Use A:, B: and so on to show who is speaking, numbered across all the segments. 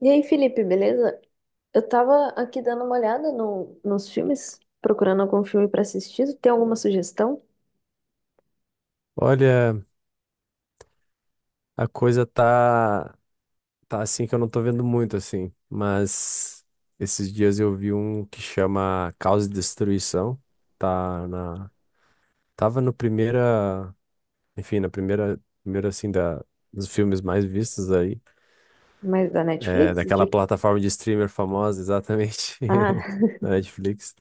A: E aí, Felipe, beleza? Eu tava aqui dando uma olhada nos filmes, procurando algum filme pra assistir. Tem alguma sugestão?
B: Olha, a coisa tá assim que eu não tô vendo muito assim, mas esses dias eu vi um que chama Caos e Destruição, tá na tava no primeira, enfim, na primeira assim da dos filmes mais vistos aí,
A: Mais da
B: é,
A: Netflix?
B: daquela
A: De-
B: plataforma de streamer famosa, exatamente,
A: Ah,
B: da Netflix.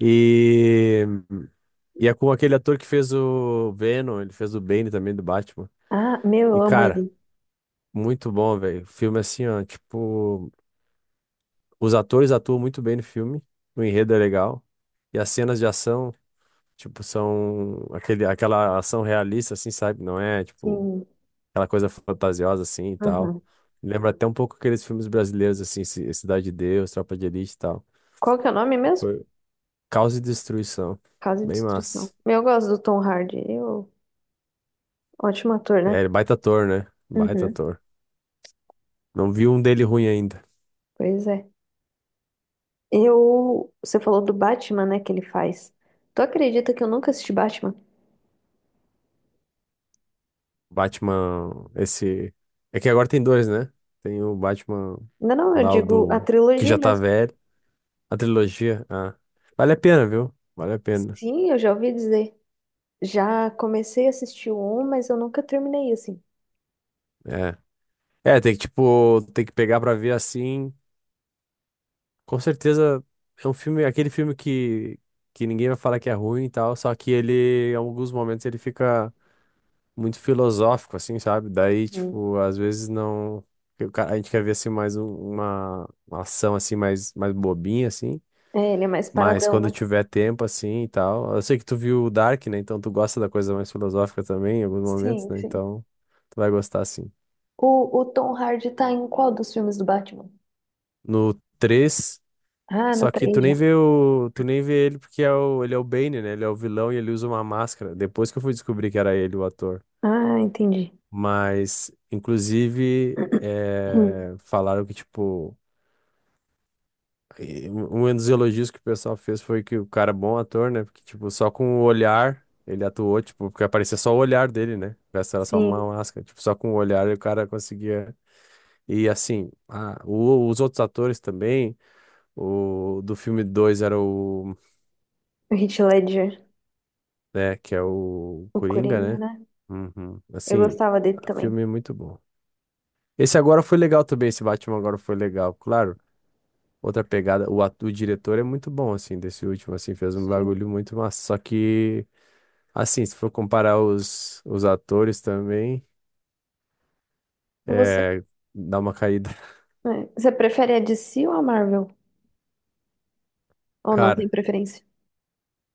B: E e é com aquele ator que fez o Venom, ele fez o Bane também do Batman.
A: ah, meu, eu
B: E
A: amo
B: cara,
A: ele.
B: muito bom, velho. O filme assim, ó, tipo, os atores atuam muito bem no filme, o enredo é legal, e as cenas de ação, tipo, são aquela ação realista, assim, sabe? Não é, tipo,
A: Sim.
B: aquela coisa fantasiosa, assim, e tal.
A: Aham.
B: Lembra até um pouco aqueles filmes brasileiros, assim, Cidade de Deus, Tropa de Elite e tal.
A: Qual que é o nome mesmo?
B: Foi Caos e Destruição.
A: Casa de
B: Bem
A: Destruição.
B: massa.
A: Meu, eu gosto do Tom Hardy. Eu... Ótimo ator,
B: É,
A: né?
B: ele é baita ator, né? Baita
A: Uhum.
B: ator. Não vi um dele ruim ainda.
A: Pois é. Eu... Você falou do Batman, né, que ele faz. Tu acredita que eu nunca assisti Batman?
B: Batman, esse. É que agora tem dois, né? Tem o Batman
A: Não, não, eu
B: lá, o
A: digo a
B: do. Que
A: trilogia
B: já tá
A: mesmo.
B: velho. A trilogia. Ah. Vale a pena, viu? Vale a pena.
A: Sim, eu já ouvi dizer. Já comecei a assistir o 1, mas eu nunca terminei assim.
B: É. É, tem que, tipo, tem que pegar pra ver assim. Com certeza é um filme, aquele filme que ninguém vai falar que é ruim e tal. Só que ele, em alguns momentos, ele fica muito filosófico, assim, sabe? Daí,
A: Hum.
B: tipo, às vezes não. A gente quer ver assim mais uma ação assim mais bobinha, assim.
A: É, ele é mais
B: Mas
A: paradão,
B: quando
A: né?
B: tiver tempo, assim e tal. Eu sei que tu viu o Dark, né? Então tu gosta da coisa mais filosófica também, em alguns momentos,
A: Sim,
B: né?
A: sim.
B: Então tu vai gostar, sim.
A: O Tom Hardy tá em qual dos filmes do Batman?
B: No três,
A: Ah, no
B: só que tu
A: três
B: nem
A: já.
B: vê o. Tu nem vê ele porque é o... ele é o Bane, né? Ele é o vilão e ele usa uma máscara. Depois que eu fui descobrir que era ele, o ator.
A: Ah, entendi.
B: Mas, inclusive,
A: Hum.
B: falaram que, tipo. E um dos elogios que o pessoal fez foi que o cara é bom ator, né? Porque, tipo, só com o olhar ele atuou, tipo, porque aparecia só o olhar dele, né? O resto era só uma
A: Sim,
B: máscara. Tipo, só com o olhar o cara conseguia. E assim, os outros atores também, o do filme 2 era o,
A: o Heath Ledger,
B: né, que é o
A: o
B: Coringa,
A: Coringa,
B: né?
A: né?
B: Uhum.
A: Eu
B: Assim,
A: gostava dele também.
B: filme é muito bom. Esse agora foi legal também, esse Batman agora foi legal, claro. Outra pegada. O, o diretor é muito bom, assim, desse último, assim, fez um
A: Sim.
B: bagulho muito massa. Só que, assim, se for comparar os atores também,
A: Você,
B: é, dá uma caída.
A: você prefere a DC ou a Marvel? Ou não tem
B: Cara,
A: preferência?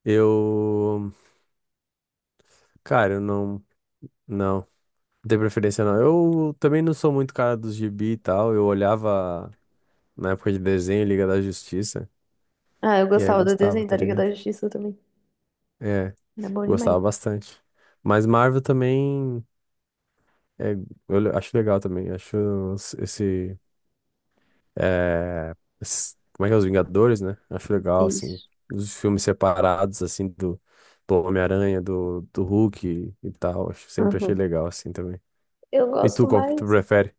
B: eu. Cara, eu não. Não, tenho preferência, não. Eu também não sou muito cara dos gibi e tal. Eu olhava na época de desenho, Liga da Justiça,
A: Ah, eu
B: e aí eu
A: gostava do
B: gostava,
A: desenho
B: tá
A: da Liga da
B: ligado?
A: Justiça também.
B: É,
A: Era bom demais.
B: gostava bastante. Mas Marvel também. É, acho legal também, acho esse É, esses- como é que é? Os Vingadores, né? Acho
A: É
B: legal, assim.
A: isso.
B: Os filmes separados, assim, do Homem-Aranha, do Hulk e tal. Sempre achei
A: Uhum.
B: legal, assim, também.
A: Eu
B: E
A: gosto
B: tu, qual que tu
A: mais.
B: prefere?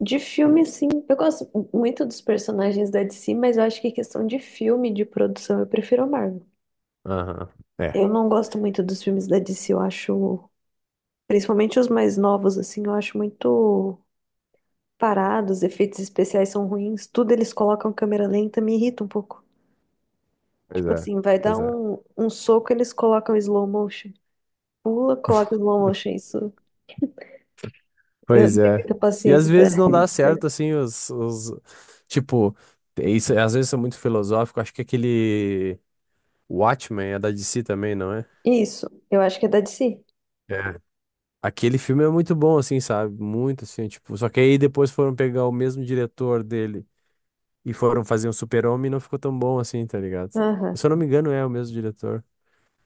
A: De filme, sim. Eu gosto muito dos personagens da DC, mas eu acho que questão de filme, de produção, eu prefiro a Marvel.
B: Aham. É,
A: Eu não gosto muito dos filmes da DC, eu acho, principalmente os mais novos, assim, eu acho muito parados, os efeitos especiais são ruins, tudo eles colocam câmera lenta, me irrita um pouco.
B: pois
A: Tipo
B: é.
A: assim, vai dar
B: Pois é.
A: um soco, eles colocam slow motion. Pula, coloca slow motion, isso. Eu
B: Pois
A: não tenho
B: é.
A: muita
B: E às
A: paciência. Pra-
B: vezes não dá certo, assim, os tipo, é isso, às vezes são muito filosóficos. Acho que aquele Watchmen é da DC também, não é?
A: Isso, eu acho que é da DC.
B: É. Aquele filme é muito bom, assim, sabe? Muito, assim, tipo... Só que aí depois foram pegar o mesmo diretor dele e foram fazer um Super-Homem e não ficou tão bom assim, tá ligado?
A: Aham.
B: Se eu não me engano, é o mesmo diretor.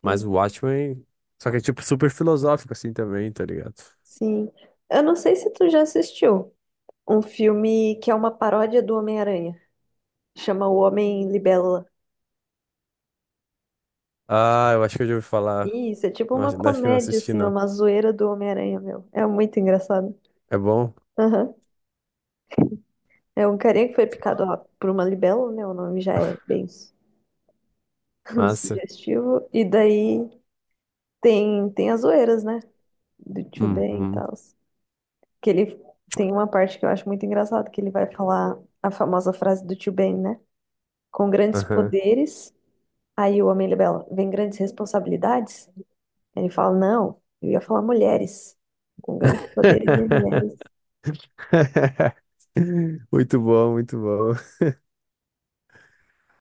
B: Mas
A: É.
B: o Watchmen... Só que é, tipo, super filosófico, assim, também, tá ligado?
A: Sim. Eu não sei se tu já assistiu um filme que é uma paródia do Homem-Aranha. Chama O Homem Libélula.
B: Ah, eu acho que eu já ouvi falar.
A: Isso, é tipo
B: Não,
A: uma
B: acho que não
A: comédia,
B: assisti,
A: assim, é
B: não.
A: uma zoeira do Homem-Aranha, meu. É muito engraçado.
B: É bom?
A: Aham. É um carinha que foi picado ó, por uma libélula, né? O nome já é bem su-
B: Massa.
A: sugestivo. E daí tem as zoeiras, né? Do Tio Ben e
B: Uhum.
A: tal. Que ele tem uma parte que eu acho muito engraçada, que ele vai falar a famosa frase do Tio Ben, né? Com grandes
B: Aham.
A: poderes. Aí o homem libela, vem grandes responsabilidades? Ele fala, não, eu ia falar mulheres. Com grandes poderes vem mulheres.
B: Muito bom, muito bom.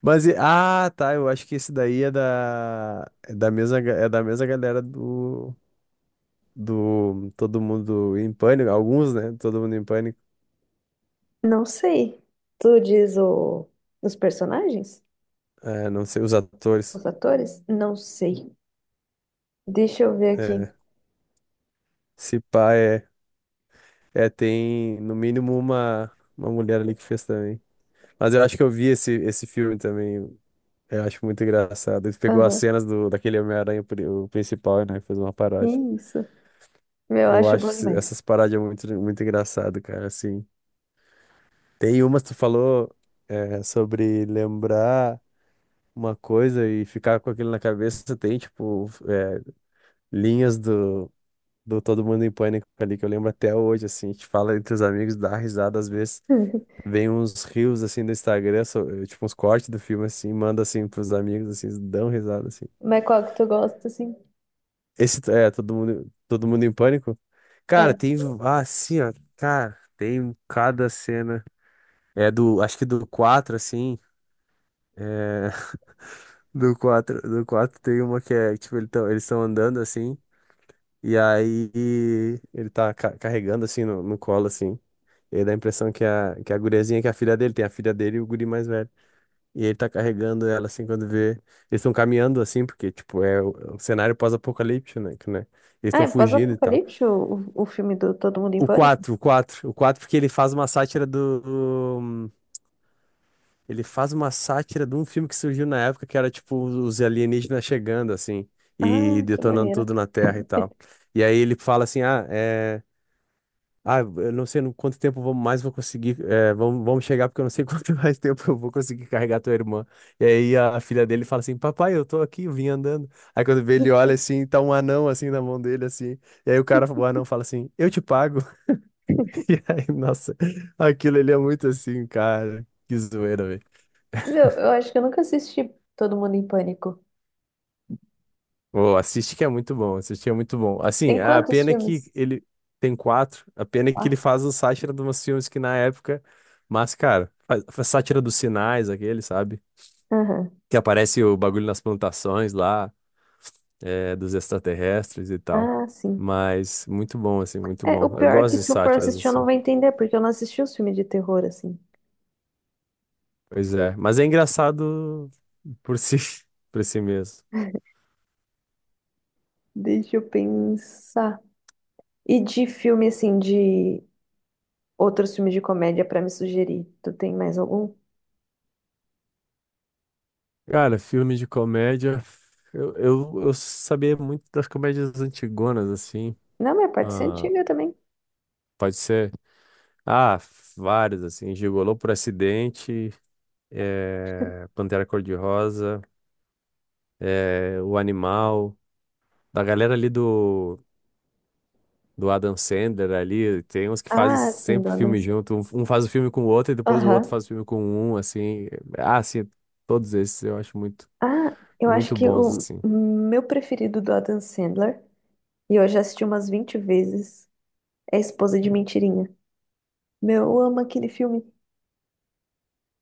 B: Mas, ah, tá, eu acho que esse daí é é da mesma, é da mesma galera do Todo Mundo em Pânico, alguns, né? Todo Mundo em Pânico.
A: Não sei. Tu diz o... os personagens?
B: É, não sei, os atores.
A: Os atores? Não sei. Deixa eu ver aqui.
B: É, se pá, tem no mínimo uma mulher ali que fez também. Mas eu acho que eu vi esse filme também, eu acho muito engraçado. Ele pegou as
A: Aham,
B: cenas do, daquele Homem-Aranha, o principal, né? Fez uma paródia.
A: isso. Meu, eu
B: Eu
A: acho
B: acho
A: bom demais.
B: essas paródias muito, muito engraçado, cara, assim. Tem umas que tu falou é, sobre lembrar uma coisa e ficar com aquilo na cabeça. Tem, tipo, é, linhas do Todo Mundo em Pânico ali que eu lembro até hoje, assim. A gente fala entre os amigos, dá risada às vezes. Vem uns rios, assim, no Instagram, tipo, uns cortes do filme, assim. Manda, assim, pros amigos, assim, eles dão risada, assim.
A: Mas qual que tu gosta, assim?
B: Esse, é, Todo Mundo em Pânico. Cara,
A: É.
B: tem, ah, assim, ó. Cara, tem cada cena. É do, acho que do 4 assim. eh, Do 4 tem uma que é, tipo, eles estão andando assim, e aí ele carregando assim no colo, assim. E aí dá a impressão que que a guriazinha, que é a filha dele, tem a filha dele e o guri mais velho. E ele tá carregando ela assim quando vê. Eles estão caminhando assim, porque, tipo, é o cenário pós-apocalíptico, né? que, né? Eles
A: Ah,
B: estão
A: é
B: fugindo e tal.
A: pós-apocalipse, o filme do Todo Mundo em Pânico?
B: O 4 porque ele faz uma sátira do. Ele faz uma sátira de um filme que surgiu na época que era tipo os alienígenas chegando assim e
A: Ah, que
B: detonando
A: maneira.
B: tudo na Terra e tal. E aí ele fala assim: "Ah, eu não sei no quanto tempo vou- mais vou conseguir, é, vamos chegar porque eu não sei quanto mais tempo eu vou conseguir carregar tua irmã". E aí a filha dele fala assim: "Papai, eu tô aqui, eu vim andando". Aí quando vê ele olha assim, tá um anão assim na mão dele assim. E aí o cara, o anão fala assim: "Eu te pago". E aí, nossa, aquilo ele é muito assim, cara. Que zoeira, velho.
A: Meu, eu acho que eu nunca assisti Todo Mundo em Pânico.
B: Oh, assiste que é muito bom. Assim,
A: Tem
B: a
A: quantos
B: pena é que
A: filmes?
B: ele tem quatro, a pena é que ele
A: Quatro.
B: faz o sátira de umas filmes que na época, mas, cara, faz sátira dos sinais, aquele, sabe?
A: Aham.
B: Que aparece o bagulho nas plantações lá, é, dos extraterrestres e tal.
A: Ah, sim.
B: Mas muito bom, assim, muito
A: É, o
B: bom. Eu
A: pior é que
B: gosto de
A: se eu for
B: sátiras,
A: assistir, eu não
B: assim.
A: vou entender, porque eu não assisti os filmes de terror, assim.
B: Pois é, mas é engraçado por si, por si mesmo.
A: Deixa eu pensar. E de filme, assim, de outros filmes de comédia pra me sugerir, tu tem mais algum?
B: Cara, filme de comédia. Eu sabia muito das comédias antigonas, assim.
A: Não, mas pode ser
B: Ah,
A: antiga também.
B: pode ser. Ah, vários, assim. Gigolô por acidente, é, Pantera Cor-de-Rosa, é, O Animal. Da galera ali do Adam Sandler ali, tem uns que fazem
A: Ah, sim,
B: sempre
A: do Adam
B: filme
A: Sandler.
B: junto. Um faz o filme com o outro e depois o outro
A: Aham.
B: faz o filme com um, assim. Ah, sim, todos esses eu acho muito,
A: Ah, eu acho
B: muito
A: que
B: bons,
A: o
B: assim.
A: meu preferido do Adam Sandler, e eu já assisti umas 20 vezes, é Esposa de Mentirinha. Meu, eu amo aquele filme.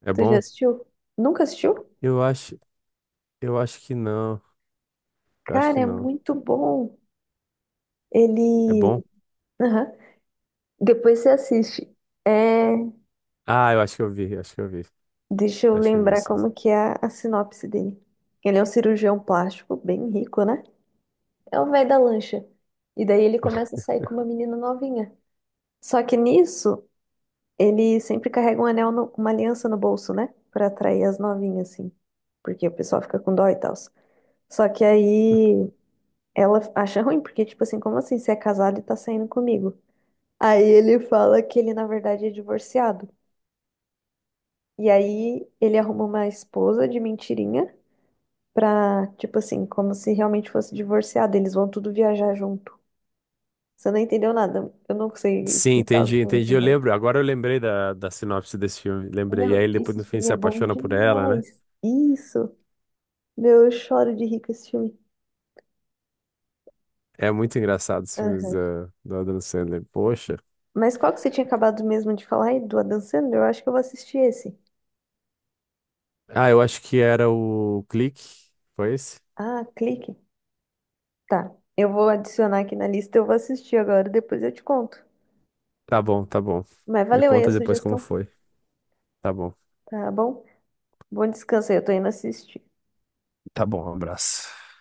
B: É
A: Tu já
B: bom?
A: assistiu? Nunca assistiu?
B: Eu acho, eu acho que não. Eu acho
A: Cara,
B: que
A: é
B: não.
A: muito bom.
B: É
A: Ele...
B: bom?
A: Aham. Depois você assiste. É,
B: Ah, eu acho que eu vi.
A: deixa eu
B: Acho que eu vi,
A: lembrar
B: sim.
A: como que é a sinopse dele. Ele é um cirurgião plástico bem rico, né? É o velho da lancha. E daí ele começa a sair com uma menina novinha. Só que nisso, ele sempre carrega um anel, uma aliança no bolso, né? Pra atrair as novinhas, assim. Porque o pessoal fica com dó e tal. Só que aí ela acha ruim, porque, tipo assim, como assim? Você é casado e tá saindo comigo? Aí ele fala que ele, na verdade, é divorciado. E aí ele arruma uma esposa de mentirinha pra, tipo assim, como se realmente fosse divorciado. Eles vão tudo viajar junto. Você não entendeu nada. Eu não sei
B: Sim,
A: explicar o que
B: entendi,
A: é esse
B: entendi. Eu
A: filme.
B: lembro, agora eu lembrei da sinopse desse filme. Lembrei. E aí
A: Meu,
B: ele depois
A: esse
B: no fim
A: filme
B: se
A: é bom
B: apaixona por ela, né?
A: demais. Isso. Meu, eu choro de rir com esse filme.
B: É muito engraçado os filmes
A: Aham.
B: do Adam Sandler. Poxa.
A: Mas qual que você tinha acabado mesmo de falar aí do Adam Sandler? Eu acho que eu vou assistir esse.
B: Ah, eu acho que era o Clique. Foi esse?
A: Ah, clique. Tá. Eu vou adicionar aqui na lista, eu vou assistir agora, depois eu te conto.
B: Tá bom, tá bom.
A: Mas
B: Me
A: valeu aí
B: conta
A: a
B: depois como
A: sugestão,
B: foi. Tá bom.
A: tá bom? Bom descanso aí, eu tô indo assistir.
B: Tá bom, um abraço.